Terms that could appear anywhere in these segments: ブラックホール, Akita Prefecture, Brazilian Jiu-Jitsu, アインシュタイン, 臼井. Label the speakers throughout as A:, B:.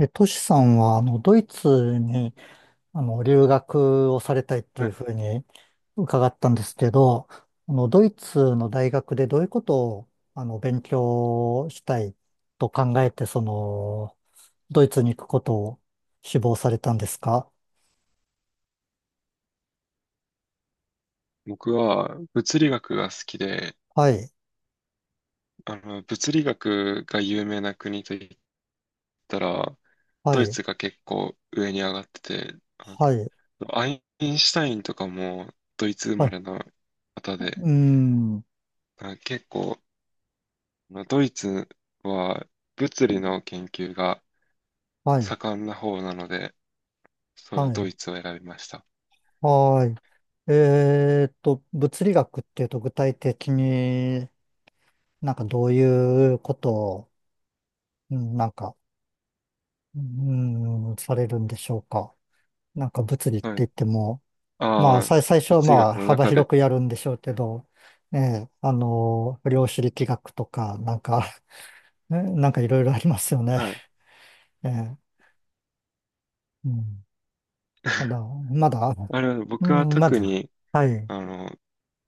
A: トシさんは、ドイツに、留学をされたいって
B: は
A: いう
B: い。
A: ふうに伺ったんですけど、ドイツの大学でどういうことを、勉強したいと考えて、ドイツに行くことを志望されたんですか？
B: 僕は物理学が好きで、
A: はい、
B: 物理学が有名な国といったら、
A: は
B: ドイ
A: い、
B: ツが結構上に上がってて、
A: はい、
B: アインシュタインとかもドイツ生
A: は
B: ま
A: い、
B: れの方で、
A: うーん、
B: 結構、ドイツは物理の研究が
A: はい、
B: 盛んな方なので、それは
A: は
B: ド
A: い、
B: イツを選びました。
A: はい。物理学っていうと具体的になんかどういうことを、うんなんか、うん、されるんでしょうか。なんか物理って
B: はい。
A: 言っても、ま
B: あ
A: あ、
B: あ、
A: 最初は
B: 物
A: ま
B: 理
A: あ、
B: 学の
A: 幅
B: 中
A: 広
B: で。
A: くやるんでしょうけど、ええ、あの、量子力学とか、なんか、なんかいろいろありますよね。
B: はい。
A: ええ、うん。ただ、まだ、
B: あれは、
A: う
B: 僕は
A: ん、ま
B: 特
A: だ、
B: に、
A: はい。
B: あの、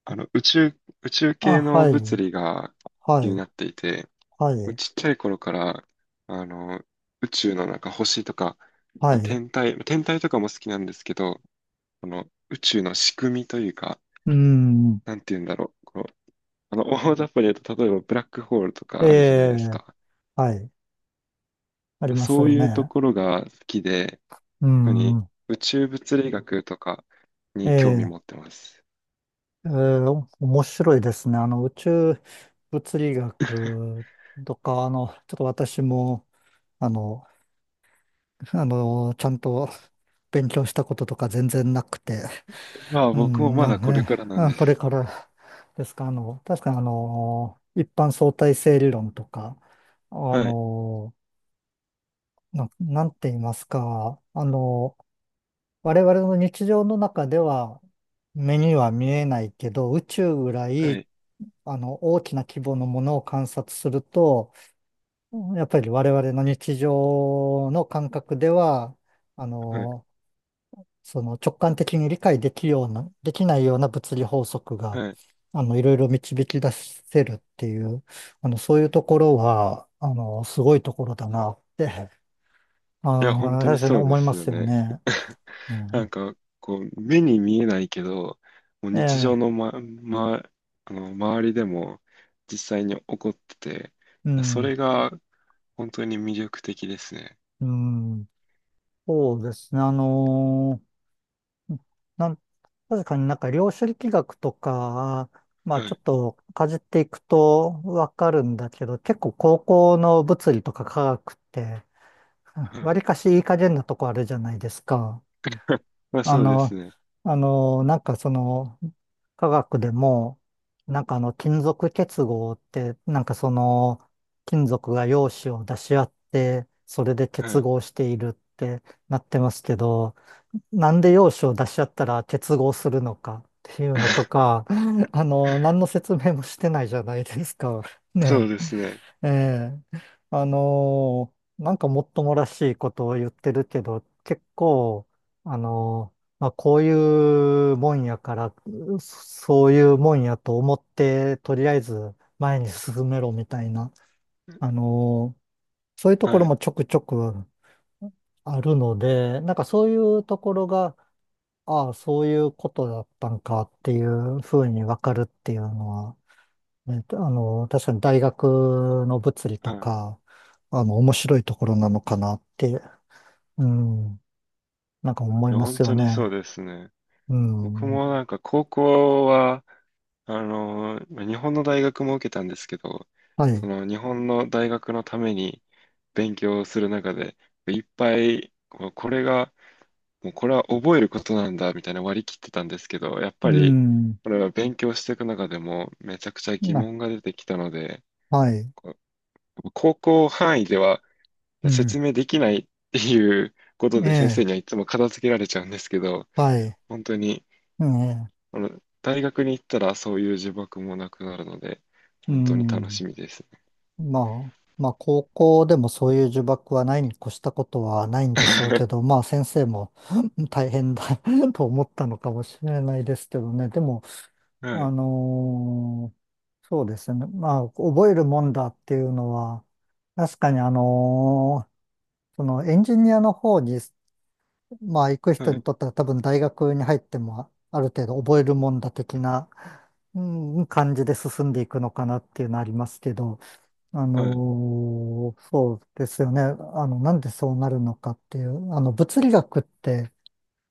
B: 宇宙、宇宙
A: あ、
B: 系の
A: はい、
B: 物理が
A: は
B: 気に
A: い、
B: なっていて、
A: はい、
B: ちっちゃい頃から、あの、宇宙のなんか星とか、
A: はい。
B: 天体とかも好きなんですけど、この宇宙の仕組みというか、
A: うん、
B: なんて言うんだろう。こう、大雑把に言うと、例えばブラックホールと
A: え
B: かあるじゃないです
A: え、
B: か。
A: はい、あります
B: そう
A: よ
B: いうと
A: ね。
B: ころが好きで、
A: う
B: 特に
A: ん、
B: 宇宙物理学とかに興味
A: え
B: 持
A: え
B: ってます。
A: えー、面白いですね。あの、宇宙物理学とか、あの、ちょっと私も、あの、あの、ちゃんと勉強したこととか全然なくて、
B: まあ
A: う
B: 僕も
A: ん、
B: ま
A: な
B: だ
A: んか
B: これ
A: ね、
B: からなんで
A: あ、これ
B: す。
A: からですか。あの、確かにあの、一般相対性理論とか、あ
B: はい、
A: の、なんて言いますか、あの、我々の日常の中では目には見えないけど、宇宙ぐら
B: は
A: い
B: い、
A: あの、大きな規模のものを観察すると、やっぱり我々の日常の感覚では、あ
B: はい、
A: の、その直感的に理解できるような、できないような物理法則が、
B: はい。
A: あの、いろいろ導き出せるっていう、あの、そういうところは、あの、すごいところだなって、
B: いや、本
A: あー、
B: 当に
A: 確かに
B: そうで
A: 思いま
B: すよ
A: すよ
B: ね。
A: ね。う
B: なん
A: ん、
B: か、こう、目に見えないけど、もう
A: え
B: 日常
A: え、
B: の、周りでも実際に起こってて、
A: う
B: そ
A: ん、
B: れが本当に魅力的ですね。
A: うん、そうですね。あのーうんなん、確かになんか量子力学とか、まあ
B: は
A: ちょ
B: い、
A: っとかじっていくとわかるんだけど、結構高校の物理とか科学って、
B: は
A: わ
B: い。
A: りかしいい加減なとこあるじゃないですか。
B: まあ
A: あ
B: そうです
A: の、
B: ね。
A: あの、なんかその、科学でも、なんかあの、金属結合って、なんかその、金属が陽子を出し合って、それで
B: は
A: 結
B: い。
A: 合しているってなってますけど、なんで要旨を出しちゃったら結合するのかっていうのと か、あの、何の説明もしてないじゃないですか。
B: そう
A: ね
B: ですね。
A: え。ええあのなんかもっともらしいことを言ってるけど、結構、あのまあ、こういうもんやから、そういうもんやと思って、とりあえず前に進めろみたいな、あのーそういうところ
B: はい。
A: もちょくちょくあるので、なんかそういうところが、ああ、そういうことだったんかっていうふうにわかるっていうのは、ね、あの、確かに大学の物理と
B: はい。い
A: か、あの、面白いところなのかなって、うん、なんか思い
B: や、
A: ま
B: 本
A: すよ
B: 当にそう
A: ね。
B: ですね。
A: う
B: 僕
A: ん。
B: もなんか高校は、まあ日本の大学も受けたんですけど、
A: は
B: そ
A: い。
B: の日本の大学のために勉強する中で、いっぱい、こうこれが、もうこれは覚えることなんだみたいな割り切ってたんですけど、やっぱ
A: う
B: り、
A: ん。
B: これは勉強していく中でもめちゃくちゃ疑
A: な、
B: 問が出てきたので、
A: はい。
B: こう高校範囲では、
A: うん。
B: 説明できないっていうこと
A: え
B: で先生
A: え。
B: にはいつも片付けられちゃうんですけど、
A: はい。
B: 本当に、
A: ええ。
B: あの、大学に行ったらそういう呪縛もなくなるので、
A: う
B: 本当に楽
A: ん。
B: しみです。
A: まあ、まあ、高校でもそういう呪縛はないに越したことはないんでしょうけど、まあ、先生も 大変だ と思ったのかもしれないですけどね。でも、
B: は
A: あ
B: い、
A: のーそうですね。まあ、覚えるもんだっていうのは、確かにそのエンジニアの方に、まあ、行く
B: は
A: 人に
B: い、
A: とっては多分大学に入っても、ある程度覚えるもんだ的な、うん、感じで進んでいくのかなっていうのはありますけど、
B: はい、
A: そうですよね。あの、なんでそうなるのかっていう、あの、物理学って、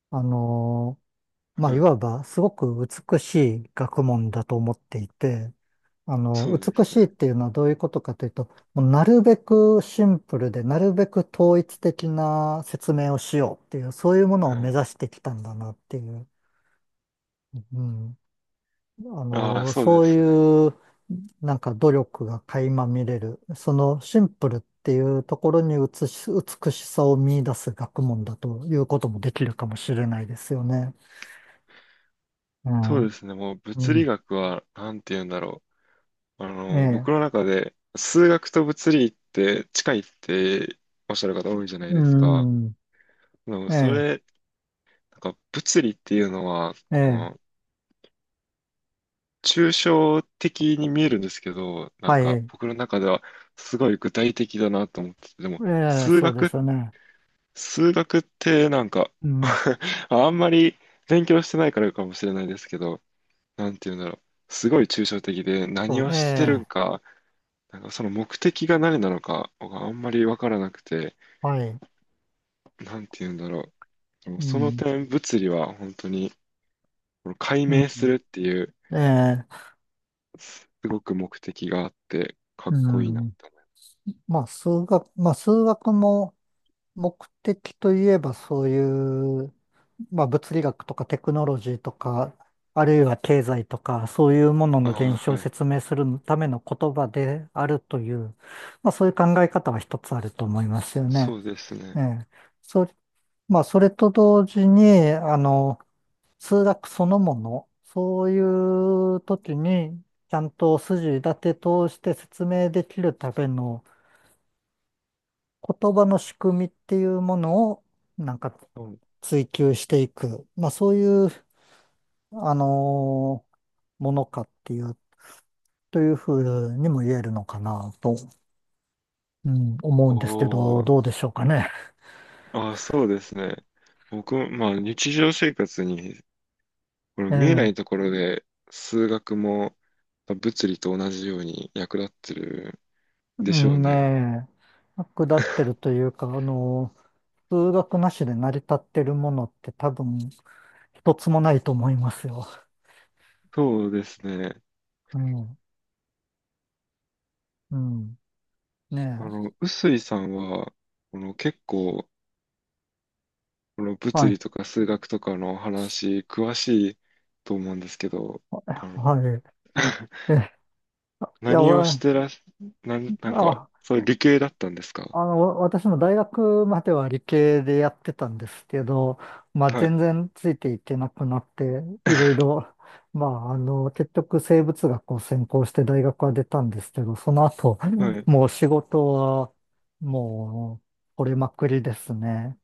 A: あのまあ、
B: は
A: い
B: い、
A: わばすごく美しい学問だと思っていて、あの、
B: そうで
A: 美
B: す
A: しいっ
B: ね。
A: ていうのはどういうことかというと、もうなるべくシンプルで、なるべく統一的な説明をしようっていう、そういうもの
B: は
A: を目
B: い。
A: 指してきたんだなっていう。うんあ
B: ああ、
A: の、
B: そうで
A: そう
B: すね。
A: いう、なんか努力が垣間見れる、そのシンプルっていうところに美しさを見出す学問だということもできるかもしれないですよね。う
B: そうで
A: ん。
B: すね。もう
A: う
B: 物理
A: ん。
B: 学は、なんて言うんだろう。
A: ええ。
B: 僕の中で、数学と物理って近いっておっしゃる方多いじゃない
A: う
B: ですか。
A: ん。
B: でも
A: え
B: そ
A: え。
B: れ、なんか物理っていうのは、
A: え
B: こ
A: え。
B: の、抽象的に見えるんですけど、なん
A: はい。
B: か
A: え
B: 僕の中ではすごい具体的だなと思ってて、でも
A: え、
B: 数
A: そうです
B: 学、
A: よね。
B: 数学ってなんか
A: う ん。
B: あんまり勉強してないからかもしれないですけど、なんて言うんだろう。すごい抽象的で何
A: そう、
B: を
A: え
B: してるん
A: え。
B: か、なんかその目的が何なのかがあんまりわからなくて、
A: はい。
B: なんて言うんだろう。でも
A: う
B: その
A: ん。
B: 点物理は本当にこの解
A: う
B: 明する
A: ん。
B: っていう
A: ええ。
B: すごく目的があってかっ
A: う
B: こいいなっ
A: ん。
B: て思います。
A: まあ、まあ、数学も、目的といえばそういう、まあ、物理学とかテクノロジーとか、あるいは経済とか、そういうもの
B: あ
A: の
B: あ、
A: 現象を
B: はい。
A: 説明するための言葉であるという、まあ、そういう考え方は一つあると思いますよ
B: そ
A: ね。
B: うです
A: え
B: ね。
A: え。それ、まあ、それと同時に、あの、数学そのもの、そういう時に、ちゃんと筋立て通して説明できるための言葉の仕組みっていうものを、なんか
B: うん、
A: 追求していく、まあそういう、あのーものかっていう、というふうにも言えるのかなと、うん、思うんですけ
B: お
A: ど、
B: ー、
A: どうでしょうかね。
B: あ、そうですね。僕も、まあ、日常生活に、この
A: え
B: 見えない
A: え、
B: ところで、数学も、まあ物理と同じように役立ってる
A: う
B: でしょう
A: ん
B: ね。
A: ねえ、下ってるというか、数学なしで成り立ってるものって多分一つもないと思いますよ。
B: そうですね。
A: うん、うん、ね
B: 臼井さんは、この結構、この
A: え、は
B: 物
A: い、
B: 理とか数学とかの話、詳しいと思うんですけど、あの、
A: は い。え、いや、
B: 何をし
A: わ
B: てらっ、なんか、
A: あ、
B: それ理系だったんですか？
A: あの、私も大学までは理系でやってたんですけど、まあ
B: は
A: 全
B: い。
A: 然ついていけなくなって、いろい ろ、まああの、結局生物学を専攻して大学は出たんですけど、その後、
B: はい。
A: もう仕事はも折れまくりですね。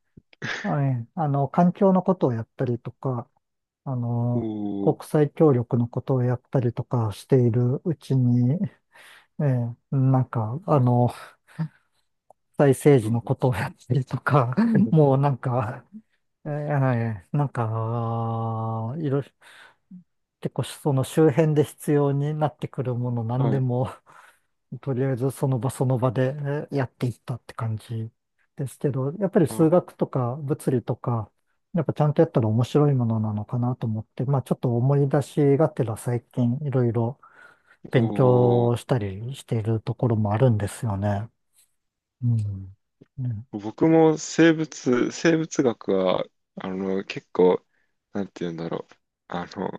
A: はい。あの、環境のことをやったりとか、あの、
B: お
A: 国
B: ー、
A: 際協力のことをやったりとかしているうちに、ええ、なんか、あの、際政
B: う
A: 治
B: ん、
A: のことをやったりとか、もうなんか、なんか、いろいろ、結構その周辺で必要になってくるもの何
B: は
A: で
B: い。
A: も、とりあえずその場その場でやっていったって感じですけど、やっぱり
B: なる
A: 数
B: ほ
A: 学とか物理とか、やっぱちゃんとやったら面白いものなのかなと思って、まあちょっと思い出しがてら最近いろいろ
B: ど。
A: 勉
B: お
A: 強
B: ー、
A: したりしているところもあるんですよね。うん。ね
B: 僕も生物学は、結構、なんて言うんだろう。あの、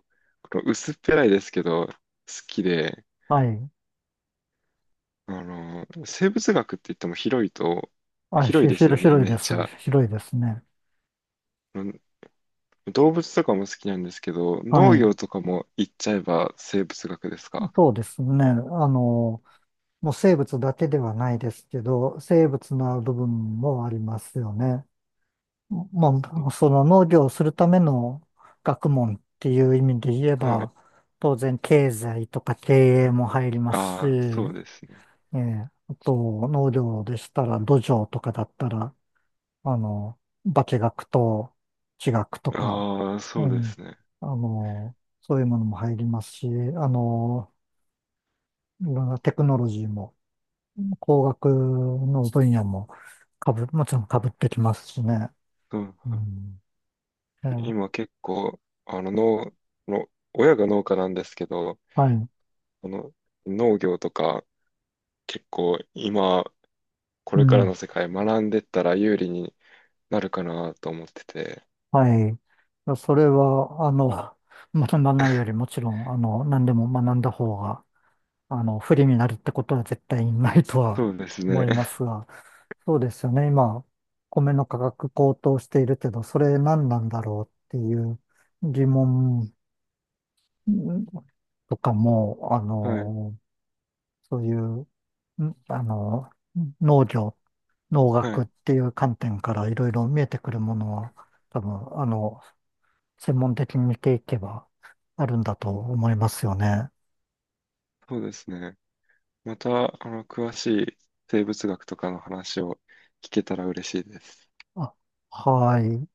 B: この薄っぺらいですけど、好きで、
A: はい。
B: 生物学って言っても広いと、
A: あ、
B: 広い
A: ひ、
B: で
A: ひ
B: す
A: ろ
B: よね、
A: 広い
B: め
A: で
B: っ
A: す。
B: ちゃ。
A: 広いですね。
B: うん、動物とかも好きなんですけど、
A: は
B: 農
A: い。
B: 業とかも言っちゃえば生物学ですか？
A: そうですね。あの、もう生物だけではないですけど、生物の部分もありますよね。も
B: うん、
A: その農業をするための学問っていう意味で言え
B: はい。
A: ば、当然経済とか経営も入りますし、
B: ああ、そうですね。
A: ええあと農業でしたら土壌とかだったら、あの、化学と地学とか、
B: ああ、
A: う
B: そうです
A: ん、
B: ね。
A: あの、そういうものも入りますし、あの、いろんなテクノロジーも、工学の分野もかぶ、もちろんかぶってきますしね。
B: うん、
A: うん、えー
B: 今結構、あの、農、の、親が農家なんですけど、
A: はい。
B: あの、農業とか結構今、こ
A: う
B: れから
A: ん。
B: の世界学んでったら有利になるかなと思ってて。
A: はい。それは、あの、学ばないよりもちろん、あの、何でも学んだ方が、あの、不利になるってことは絶対にないとは
B: そうです
A: 思
B: ね。
A: いますが、そうですよね。今、米の価格高騰しているけど、それ何なんだろうっていう疑問んとかも、あ
B: はい。
A: の、そういう、あの、農業、農
B: は
A: 学っ
B: い。
A: ていう観点からいろいろ見えてくるものは、多分、あの、専門的に見ていけばあるんだと思いますよね。
B: そうですね。また、詳しい生物学とかの話を聞けたら嬉しいです。
A: あ、はい。